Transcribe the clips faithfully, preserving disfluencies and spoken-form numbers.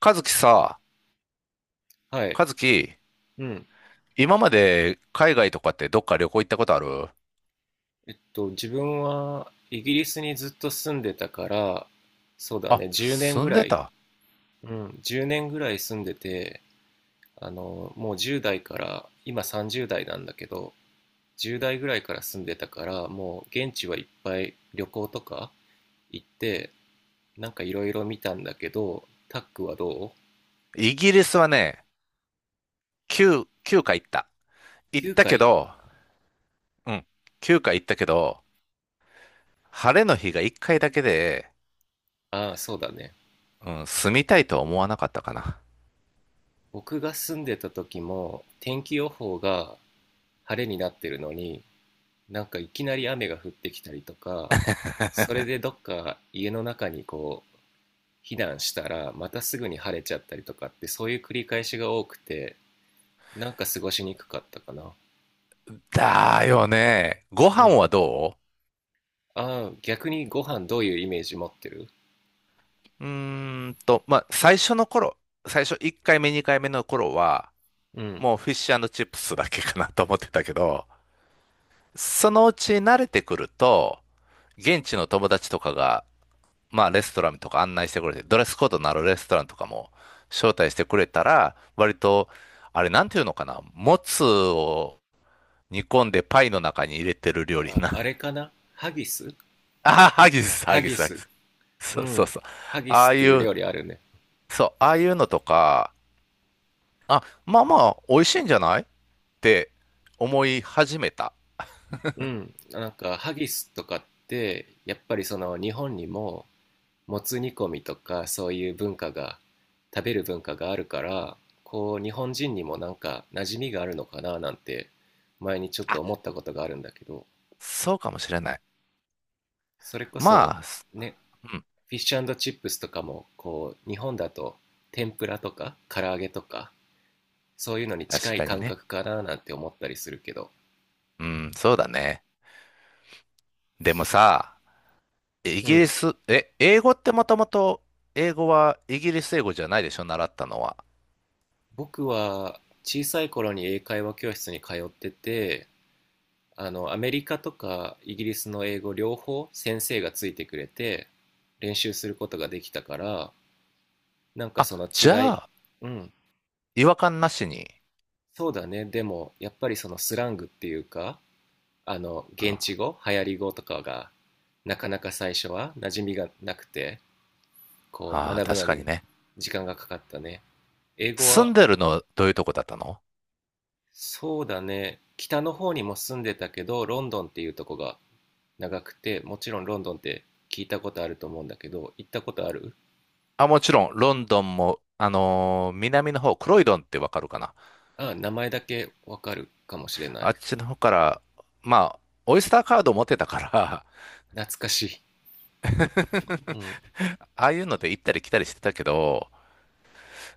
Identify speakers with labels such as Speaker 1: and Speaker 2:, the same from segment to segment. Speaker 1: 和樹さ、
Speaker 2: はい。
Speaker 1: 和樹、
Speaker 2: うん。
Speaker 1: 今まで海外とかってどっか旅行行ったことある？
Speaker 2: えっと、自分はイギリスにずっと住んでたから、そうだ
Speaker 1: あ、
Speaker 2: ね、じゅうねん
Speaker 1: 住
Speaker 2: ぐ
Speaker 1: ん
Speaker 2: ら
Speaker 1: で
Speaker 2: い、
Speaker 1: た。
Speaker 2: うん、じゅうねんぐらい住んでて、あの、もうじゅう代から、今さんじゅう代なんだけど、じゅう代ぐらいから住んでたから、もう現地はいっぱい旅行とか行って、なんかいろいろ見たんだけど、タックはど
Speaker 1: イギリスはね、きゅう、きゅうかい行った。
Speaker 2: う？
Speaker 1: 行ったけ
Speaker 2: きゅうかい 回？
Speaker 1: ど、うん、きゅうかい行ったけど、晴れの日がいっかいだけで、
Speaker 2: ああ、そうだね。
Speaker 1: うん、住みたいとは思わなかったかな。
Speaker 2: 僕が住んでた時も天気予報が晴れになってるのに、なんかいきなり雨が降ってきたりとか、それでどっか家の中にこう避難したらまたすぐに晴れちゃったりとかってそういう繰り返しが多くて、なんか過ごしにくかったかな。
Speaker 1: だよね。ご
Speaker 2: う
Speaker 1: 飯
Speaker 2: ん。
Speaker 1: はど？
Speaker 2: ああ、逆にご飯どういうイメージ持ってる？
Speaker 1: ううーんと、まあ、最初の頃、最初いっかいめにかいめの頃は、
Speaker 2: うん。
Speaker 1: もうフィッシュチップスだけかなと思ってたけど、そのうち慣れてくると、現地の友達とかが、まあレストランとか案内してくれて、ドレスコードのあるレストランとかも招待してくれたら、割と、あれなんていうのかな、もつを煮込んでパイの中に入れてる料理
Speaker 2: あ、あ
Speaker 1: な。
Speaker 2: れ かなハギス？
Speaker 1: ああ、ハギス、ハ
Speaker 2: ハ
Speaker 1: ギ
Speaker 2: ギ
Speaker 1: ス、ハギ
Speaker 2: ス。
Speaker 1: ス。
Speaker 2: う
Speaker 1: そうそう
Speaker 2: ん。
Speaker 1: そう。
Speaker 2: ハギ
Speaker 1: ああ
Speaker 2: スって
Speaker 1: い
Speaker 2: いう
Speaker 1: う、
Speaker 2: 料理あるね。
Speaker 1: そう、ああいうのとか、あ、まあまあ、美味しいんじゃないって思い始めた。
Speaker 2: うん。なんかハギスとかってやっぱりその日本にももつ煮込みとかそういう文化が食べる文化があるからこう日本人にもなんか馴染みがあるのかななんて前にちょっ
Speaker 1: あ、
Speaker 2: と思ったことがあるんだけど、
Speaker 1: そうかもしれない。
Speaker 2: それこそ
Speaker 1: まあ、す、
Speaker 2: ね。
Speaker 1: うん、
Speaker 2: フィッシュチップスとかもこう日本だと天ぷらとか唐揚げとかそういうのに近
Speaker 1: 確
Speaker 2: い
Speaker 1: かに
Speaker 2: 感
Speaker 1: ね。
Speaker 2: 覚かななんて思ったりするけど。
Speaker 1: うん、そうだね。でもさ、イ
Speaker 2: う
Speaker 1: ギリ
Speaker 2: ん。
Speaker 1: ス、え、英語ってもともと、英語はイギリス英語じゃないでしょ習ったのは。
Speaker 2: 僕は小さい頃に英会話教室に通ってて、あのアメリカとかイギリスの英語両方先生がついてくれて練習することができたから、なんか
Speaker 1: あ、
Speaker 2: その
Speaker 1: じ
Speaker 2: 違
Speaker 1: ゃ
Speaker 2: い。
Speaker 1: あ、
Speaker 2: うん、
Speaker 1: 違和感なしに。
Speaker 2: そうだね。でもやっぱりそのスラングっていうか、あの現地
Speaker 1: あ
Speaker 2: 語流行り語とかがなかなか最初は馴染みがなくてこう
Speaker 1: あ
Speaker 2: 学
Speaker 1: ー、
Speaker 2: ぶ
Speaker 1: 確
Speaker 2: の
Speaker 1: か
Speaker 2: に
Speaker 1: にね。
Speaker 2: 時間がかかったね、英語
Speaker 1: 住ん
Speaker 2: は。
Speaker 1: でるの、どういうとこだったの？
Speaker 2: そうだね、北の方にも住んでたけどロンドンっていうとこが長くて、もちろんロンドンって聞いたことあると思うんだけど、行ったことある？
Speaker 1: あ、もちろん、ロンドンも、あのー南の方、クロイドンってわかるかな？
Speaker 2: ああ、名前だけわかるかもしれな
Speaker 1: あ
Speaker 2: い。
Speaker 1: っちの方から、まあ、オイスターカード持ってたから
Speaker 2: 懐かしい。うん。
Speaker 1: ああいうので行ったり来たりしてたけど、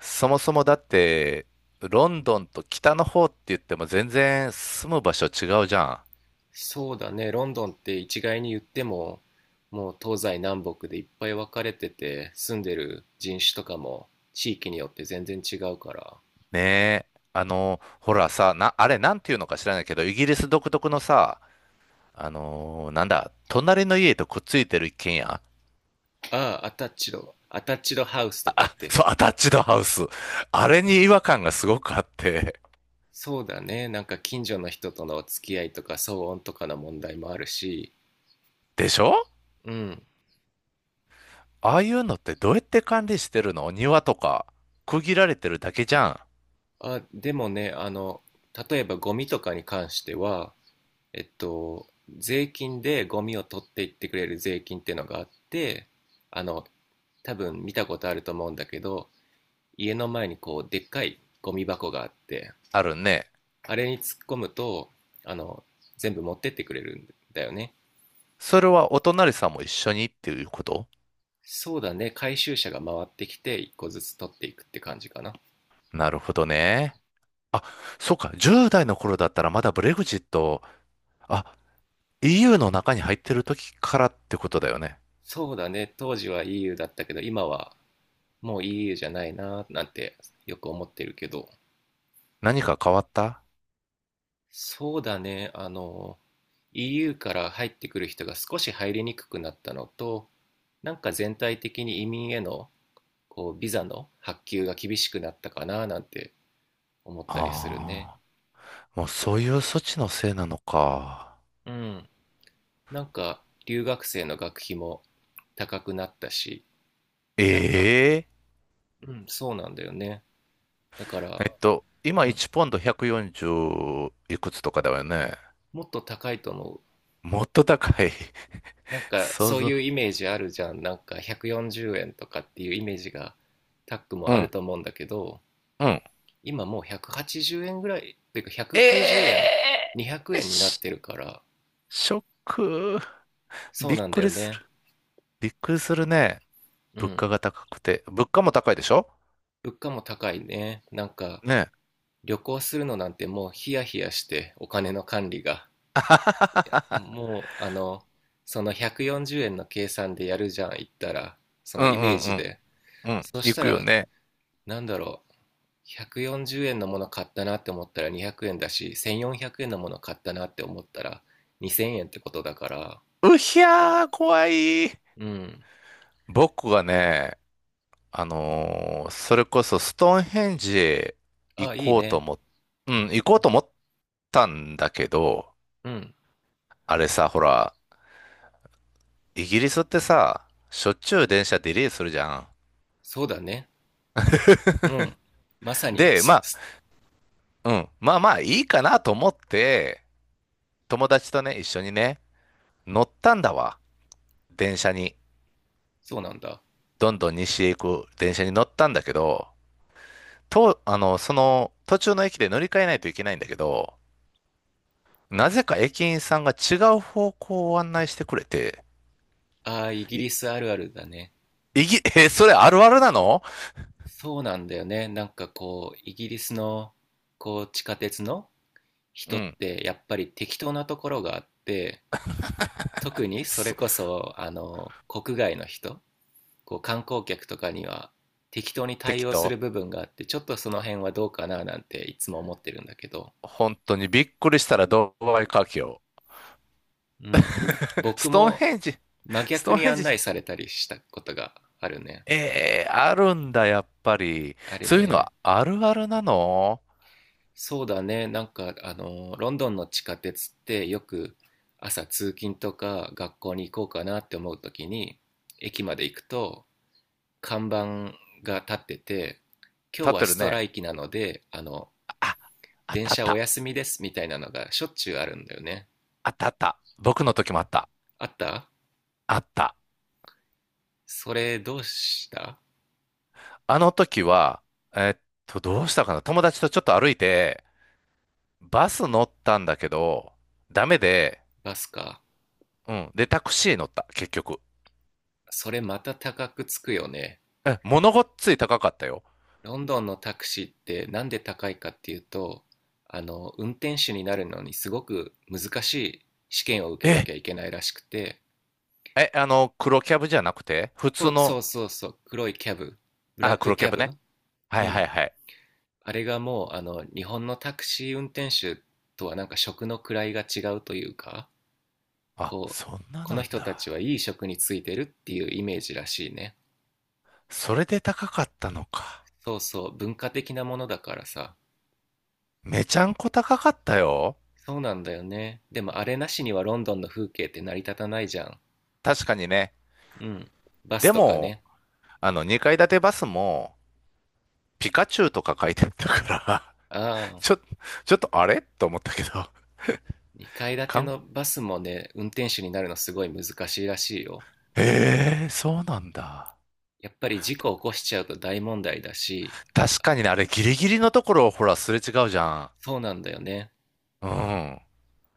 Speaker 1: そもそもだって、ロンドンと北の方って言っても全然住む場所違うじゃん。
Speaker 2: そうだね、ロンドンって一概に言っても、もう東西南北でいっぱい分かれてて、住んでる人種とかも地域によって全然違うから。
Speaker 1: ねえ。あの、ほらさ、な、あれなんていうのか知らないけど、イギリス独特のさ、あのーなんだ、隣の家とくっついてる一軒家。
Speaker 2: ああ、アタッチド、アタッチドハウスとかっ て。
Speaker 1: そう、アタッチドハウス。あれに違和感がすごくあって。
Speaker 2: そうだね、なんか近所の人との付き合いとか騒音とかの問題もあるし、
Speaker 1: でしょ？
Speaker 2: うん。
Speaker 1: ああいうのってどうやって管理してるの、庭とか、区切られてるだけじゃん。
Speaker 2: あ、でもね、あの、例えばゴミとかに関しては、えっと、税金でゴミを取っていってくれる税金っていうのがあって、あの、多分見たことあると思うんだけど、家の前にこう、でっかいゴミ箱があって、
Speaker 1: あるね。
Speaker 2: あれに突っ込むと、あの、全部持ってってくれるんだよね。
Speaker 1: それはお隣さんも一緒にっていうこと？
Speaker 2: そうだね、回収車が回ってきて、一個ずつ取っていくって感じかな。
Speaker 1: なるほどね。あ、そうか。じゅう代の頃だったらまだブレグジット、あ、イーユー の中に入ってる時からってことだよね。
Speaker 2: そうだね、当時は イーユー だったけど、今はもう イーユー じゃないな、なんてよく思ってるけど。
Speaker 1: 何か変わった？
Speaker 2: そうだね。あの、イーユー から入ってくる人が少し入りにくくなったのと、なんか全体的に移民へのこうビザの発給が厳しくなったかななんて思ったりするね。
Speaker 1: ああー、もうそういう措置のせいなのか。
Speaker 2: うん。なんか留学生の学費も高くなったし、なんか、
Speaker 1: ええ
Speaker 2: うん、そうなんだよね。だから、
Speaker 1: えっと、今
Speaker 2: うん、
Speaker 1: いちポンドひゃくよんじゅういくつとかだよね。
Speaker 2: もっと高いと思う。
Speaker 1: もっと高い。
Speaker 2: なん か
Speaker 1: 想
Speaker 2: そう
Speaker 1: 像。
Speaker 2: いうイメージあるじゃん。なんかひゃくよんじゅうえんとかっていうイメージがタック
Speaker 1: う
Speaker 2: もある
Speaker 1: ん、
Speaker 2: と思うんだけど、
Speaker 1: うん。
Speaker 2: 今もうひゃくはちじゅうえんぐらい、ていうか190
Speaker 1: え、
Speaker 2: 円、200
Speaker 1: え
Speaker 2: 円になっ
Speaker 1: し、
Speaker 2: てるから、
Speaker 1: ショック。
Speaker 2: そう
Speaker 1: びっ
Speaker 2: なんだ
Speaker 1: く
Speaker 2: よ
Speaker 1: りす
Speaker 2: ね。
Speaker 1: る。びっくりするね。
Speaker 2: う
Speaker 1: 物
Speaker 2: ん。
Speaker 1: 価が高くて。物価も高いでしょ？
Speaker 2: 物価も高いね。なんか、
Speaker 1: ねえ。
Speaker 2: 旅行するのなんてもうヒヤヒヤして、お金の管理が。もう、あの、そのひゃくよんじゅうえんの計算でやるじゃん、言ったら、そ
Speaker 1: う
Speaker 2: の
Speaker 1: ん
Speaker 2: イ
Speaker 1: う
Speaker 2: メージ
Speaker 1: ん
Speaker 2: で。
Speaker 1: うん。うん。
Speaker 2: そし
Speaker 1: 行
Speaker 2: た
Speaker 1: くよ
Speaker 2: ら、
Speaker 1: ね。
Speaker 2: なんだろう、ひゃくよんじゅうえんのもの買ったなって思ったらにひゃくえんだし、せんよんひゃくえんのもの買ったなって思ったらにせんえんってことだから、
Speaker 1: うひゃー、怖い。
Speaker 2: うん。
Speaker 1: 僕がね、あのーそれこそストーンヘンジへ行
Speaker 2: あ、いい
Speaker 1: こうと
Speaker 2: ね。
Speaker 1: 思っ、うん、行こうと思ったんだけど、
Speaker 2: うん。
Speaker 1: あれさ、ほら、イギリスってさ、しょっちゅう電車ディレイするじゃん。
Speaker 2: そうだね。うん。まさに、
Speaker 1: で、
Speaker 2: す
Speaker 1: ま
Speaker 2: す
Speaker 1: あ、うん、まあまあいいかなと思って、友達とね、一緒にね、乗ったんだわ。電車に。
Speaker 2: そうなんだ。
Speaker 1: どんどん西へ行く電車に乗ったんだけど、と、あの、その途中の駅で乗り換えないといけないんだけど、なぜか駅員さんが違う方向を案内してくれて、
Speaker 2: ああ、イギ
Speaker 1: い
Speaker 2: リスあるあるだね。
Speaker 1: いぎ、え、それあるあるなの？
Speaker 2: そうなんだよね。なんかこう、イギリスの、こう、地下鉄の
Speaker 1: う
Speaker 2: 人っ
Speaker 1: ん。
Speaker 2: て、やっぱり適当なところがあって、特にそれ
Speaker 1: そ、
Speaker 2: こそ、あの、国外の人、こう、観光客とかには、適当に対
Speaker 1: 適
Speaker 2: 応す
Speaker 1: 当。
Speaker 2: る部分があって、ちょっとその辺はどうかななんていつも思ってるんだけど。
Speaker 1: 本当にびっくりしたらドバイ華僑。
Speaker 2: うん。僕
Speaker 1: ストーン
Speaker 2: も
Speaker 1: ヘンジ、
Speaker 2: 真
Speaker 1: スト
Speaker 2: 逆
Speaker 1: ーン
Speaker 2: に
Speaker 1: ヘン
Speaker 2: 案
Speaker 1: ジ、
Speaker 2: 内されたりしたことがあるね。
Speaker 1: えー、あるんだ、やっぱり。
Speaker 2: ある
Speaker 1: そういうの
Speaker 2: ね。
Speaker 1: はあるあるなの？
Speaker 2: そうだね。なんか、あの、ロンドンの地下鉄ってよく朝通勤とか学校に行こうかなって思うときに、駅まで行くと看板が立ってて、今
Speaker 1: 立
Speaker 2: 日
Speaker 1: っ
Speaker 2: は
Speaker 1: てる
Speaker 2: ストラ
Speaker 1: ね。
Speaker 2: イキなので、あの、
Speaker 1: あ、あっ
Speaker 2: 電
Speaker 1: たあっ
Speaker 2: 車お
Speaker 1: た、
Speaker 2: 休みですみたいなのがしょっちゅうあるんだよね。
Speaker 1: あったあった。僕の時もあった。
Speaker 2: あった？
Speaker 1: あった。
Speaker 2: それどうした？
Speaker 1: あの時は、えっと、どうしたかな、友達とちょっと歩いて、バス乗ったんだけど、ダメで、
Speaker 2: バスか。
Speaker 1: うん。で、タクシー乗った、結局。
Speaker 2: それまた高くつくよね。
Speaker 1: え、物ごっつい高かったよ。
Speaker 2: ロンドンのタクシーってなんで高いかっていうと、あの、運転手になるのにすごく難しい試験を受けな
Speaker 1: え、
Speaker 2: きゃいけないらしくて、
Speaker 1: え、あの、黒キャブじゃなくて、普
Speaker 2: そ
Speaker 1: 通
Speaker 2: うそ
Speaker 1: の、
Speaker 2: うそうそう、黒いキャブ、ブラ
Speaker 1: あ、
Speaker 2: ック
Speaker 1: 黒
Speaker 2: キ
Speaker 1: キャ
Speaker 2: ャ
Speaker 1: ブ
Speaker 2: ブ。
Speaker 1: ね。は
Speaker 2: う
Speaker 1: いは
Speaker 2: ん、
Speaker 1: いはい。
Speaker 2: あれがもう、あの、日本のタクシー運転手とはなんか職の位が違うというか、
Speaker 1: あ、
Speaker 2: こう、
Speaker 1: そんな
Speaker 2: こ
Speaker 1: な
Speaker 2: の
Speaker 1: ん
Speaker 2: 人たち
Speaker 1: だ。
Speaker 2: はいい職についてるっていうイメージらしいね。
Speaker 1: それで高かったのか。
Speaker 2: そうそう、文化的なものだからさ。
Speaker 1: めちゃんこ高かったよ。
Speaker 2: そうなんだよね。でもあれなしにはロンドンの風景って成り立たないじゃん。
Speaker 1: 確かにね。
Speaker 2: うん。バス
Speaker 1: で
Speaker 2: とか
Speaker 1: も、
Speaker 2: ね。
Speaker 1: あの、にかい建てバスも、ピカチュウとか書いてあったから
Speaker 2: ああ、
Speaker 1: ちょ、ちょっとあれと思ったけど、
Speaker 2: にかい建
Speaker 1: か
Speaker 2: て
Speaker 1: ん、
Speaker 2: のバスもね、運転手になるのすごい難しいらしいよ。
Speaker 1: えー、そうなんだ。
Speaker 2: やっぱり事故起こしちゃうと大問題だし、
Speaker 1: 確かにね、あれギリギリのところをほら、すれ違うじゃん。
Speaker 2: そうなんだよね。
Speaker 1: うん。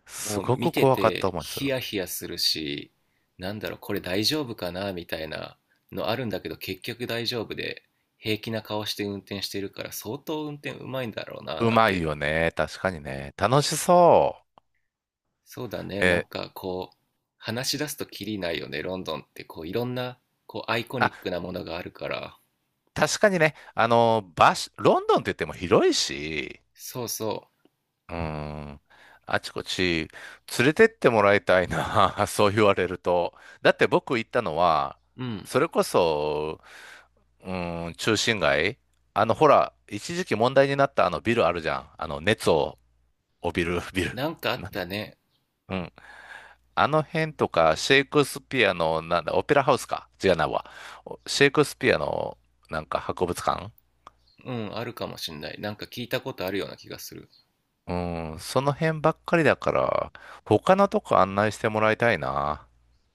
Speaker 1: す
Speaker 2: もう
Speaker 1: ごく
Speaker 2: 見て
Speaker 1: 怖かった
Speaker 2: て
Speaker 1: 思いす
Speaker 2: ヒ
Speaker 1: る。
Speaker 2: ヤヒヤするし、なんだろう、これ大丈夫かなみたいなのあるんだけど、結局大丈夫で、平気な顔して運転してるから、相当運転うまいんだろうな、
Speaker 1: う
Speaker 2: なん
Speaker 1: まい
Speaker 2: て。
Speaker 1: よね。確かにね。楽しそ
Speaker 2: そうだね。
Speaker 1: う。
Speaker 2: なん
Speaker 1: えー、
Speaker 2: かこう、話し出すとキリないよね。ロンドンってこう、いろんなこう、アイコ
Speaker 1: あ、
Speaker 2: ニックなものがあるから。
Speaker 1: 確かにね。あの、場所、ロンドンって言っても広いし、
Speaker 2: そうそ
Speaker 1: うん。あちこち連れてってもらいたいな。そう言われると。だって僕行ったのは、
Speaker 2: う。うん。
Speaker 1: それこそ、うん、中心街。あの、ほら、一時期問題になったあのビルあるじゃん。あの、熱を帯びるビル。
Speaker 2: なんかあっ
Speaker 1: なん
Speaker 2: た
Speaker 1: だ。
Speaker 2: ね。
Speaker 1: うん、あの辺とか、シェイクスピアの、なんだ、オペラハウスか、違うなわ。お、シェイクスピアの、なんか博物館、
Speaker 2: うん、あるかもしんない。なんか聞いたことあるような気がする。
Speaker 1: うん、その辺ばっかりだから、他のとこ案内してもらいたいな。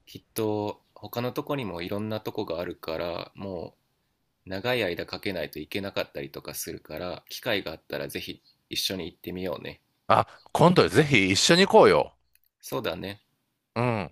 Speaker 2: きっと、他のとこにもいろんなとこがあるから、もう、長い間かけないといけなかったりとかするから、機会があったらぜひ一緒に行ってみようね。
Speaker 1: あ、今度ぜひ一緒に行こうよ。
Speaker 2: そうだね。
Speaker 1: うん。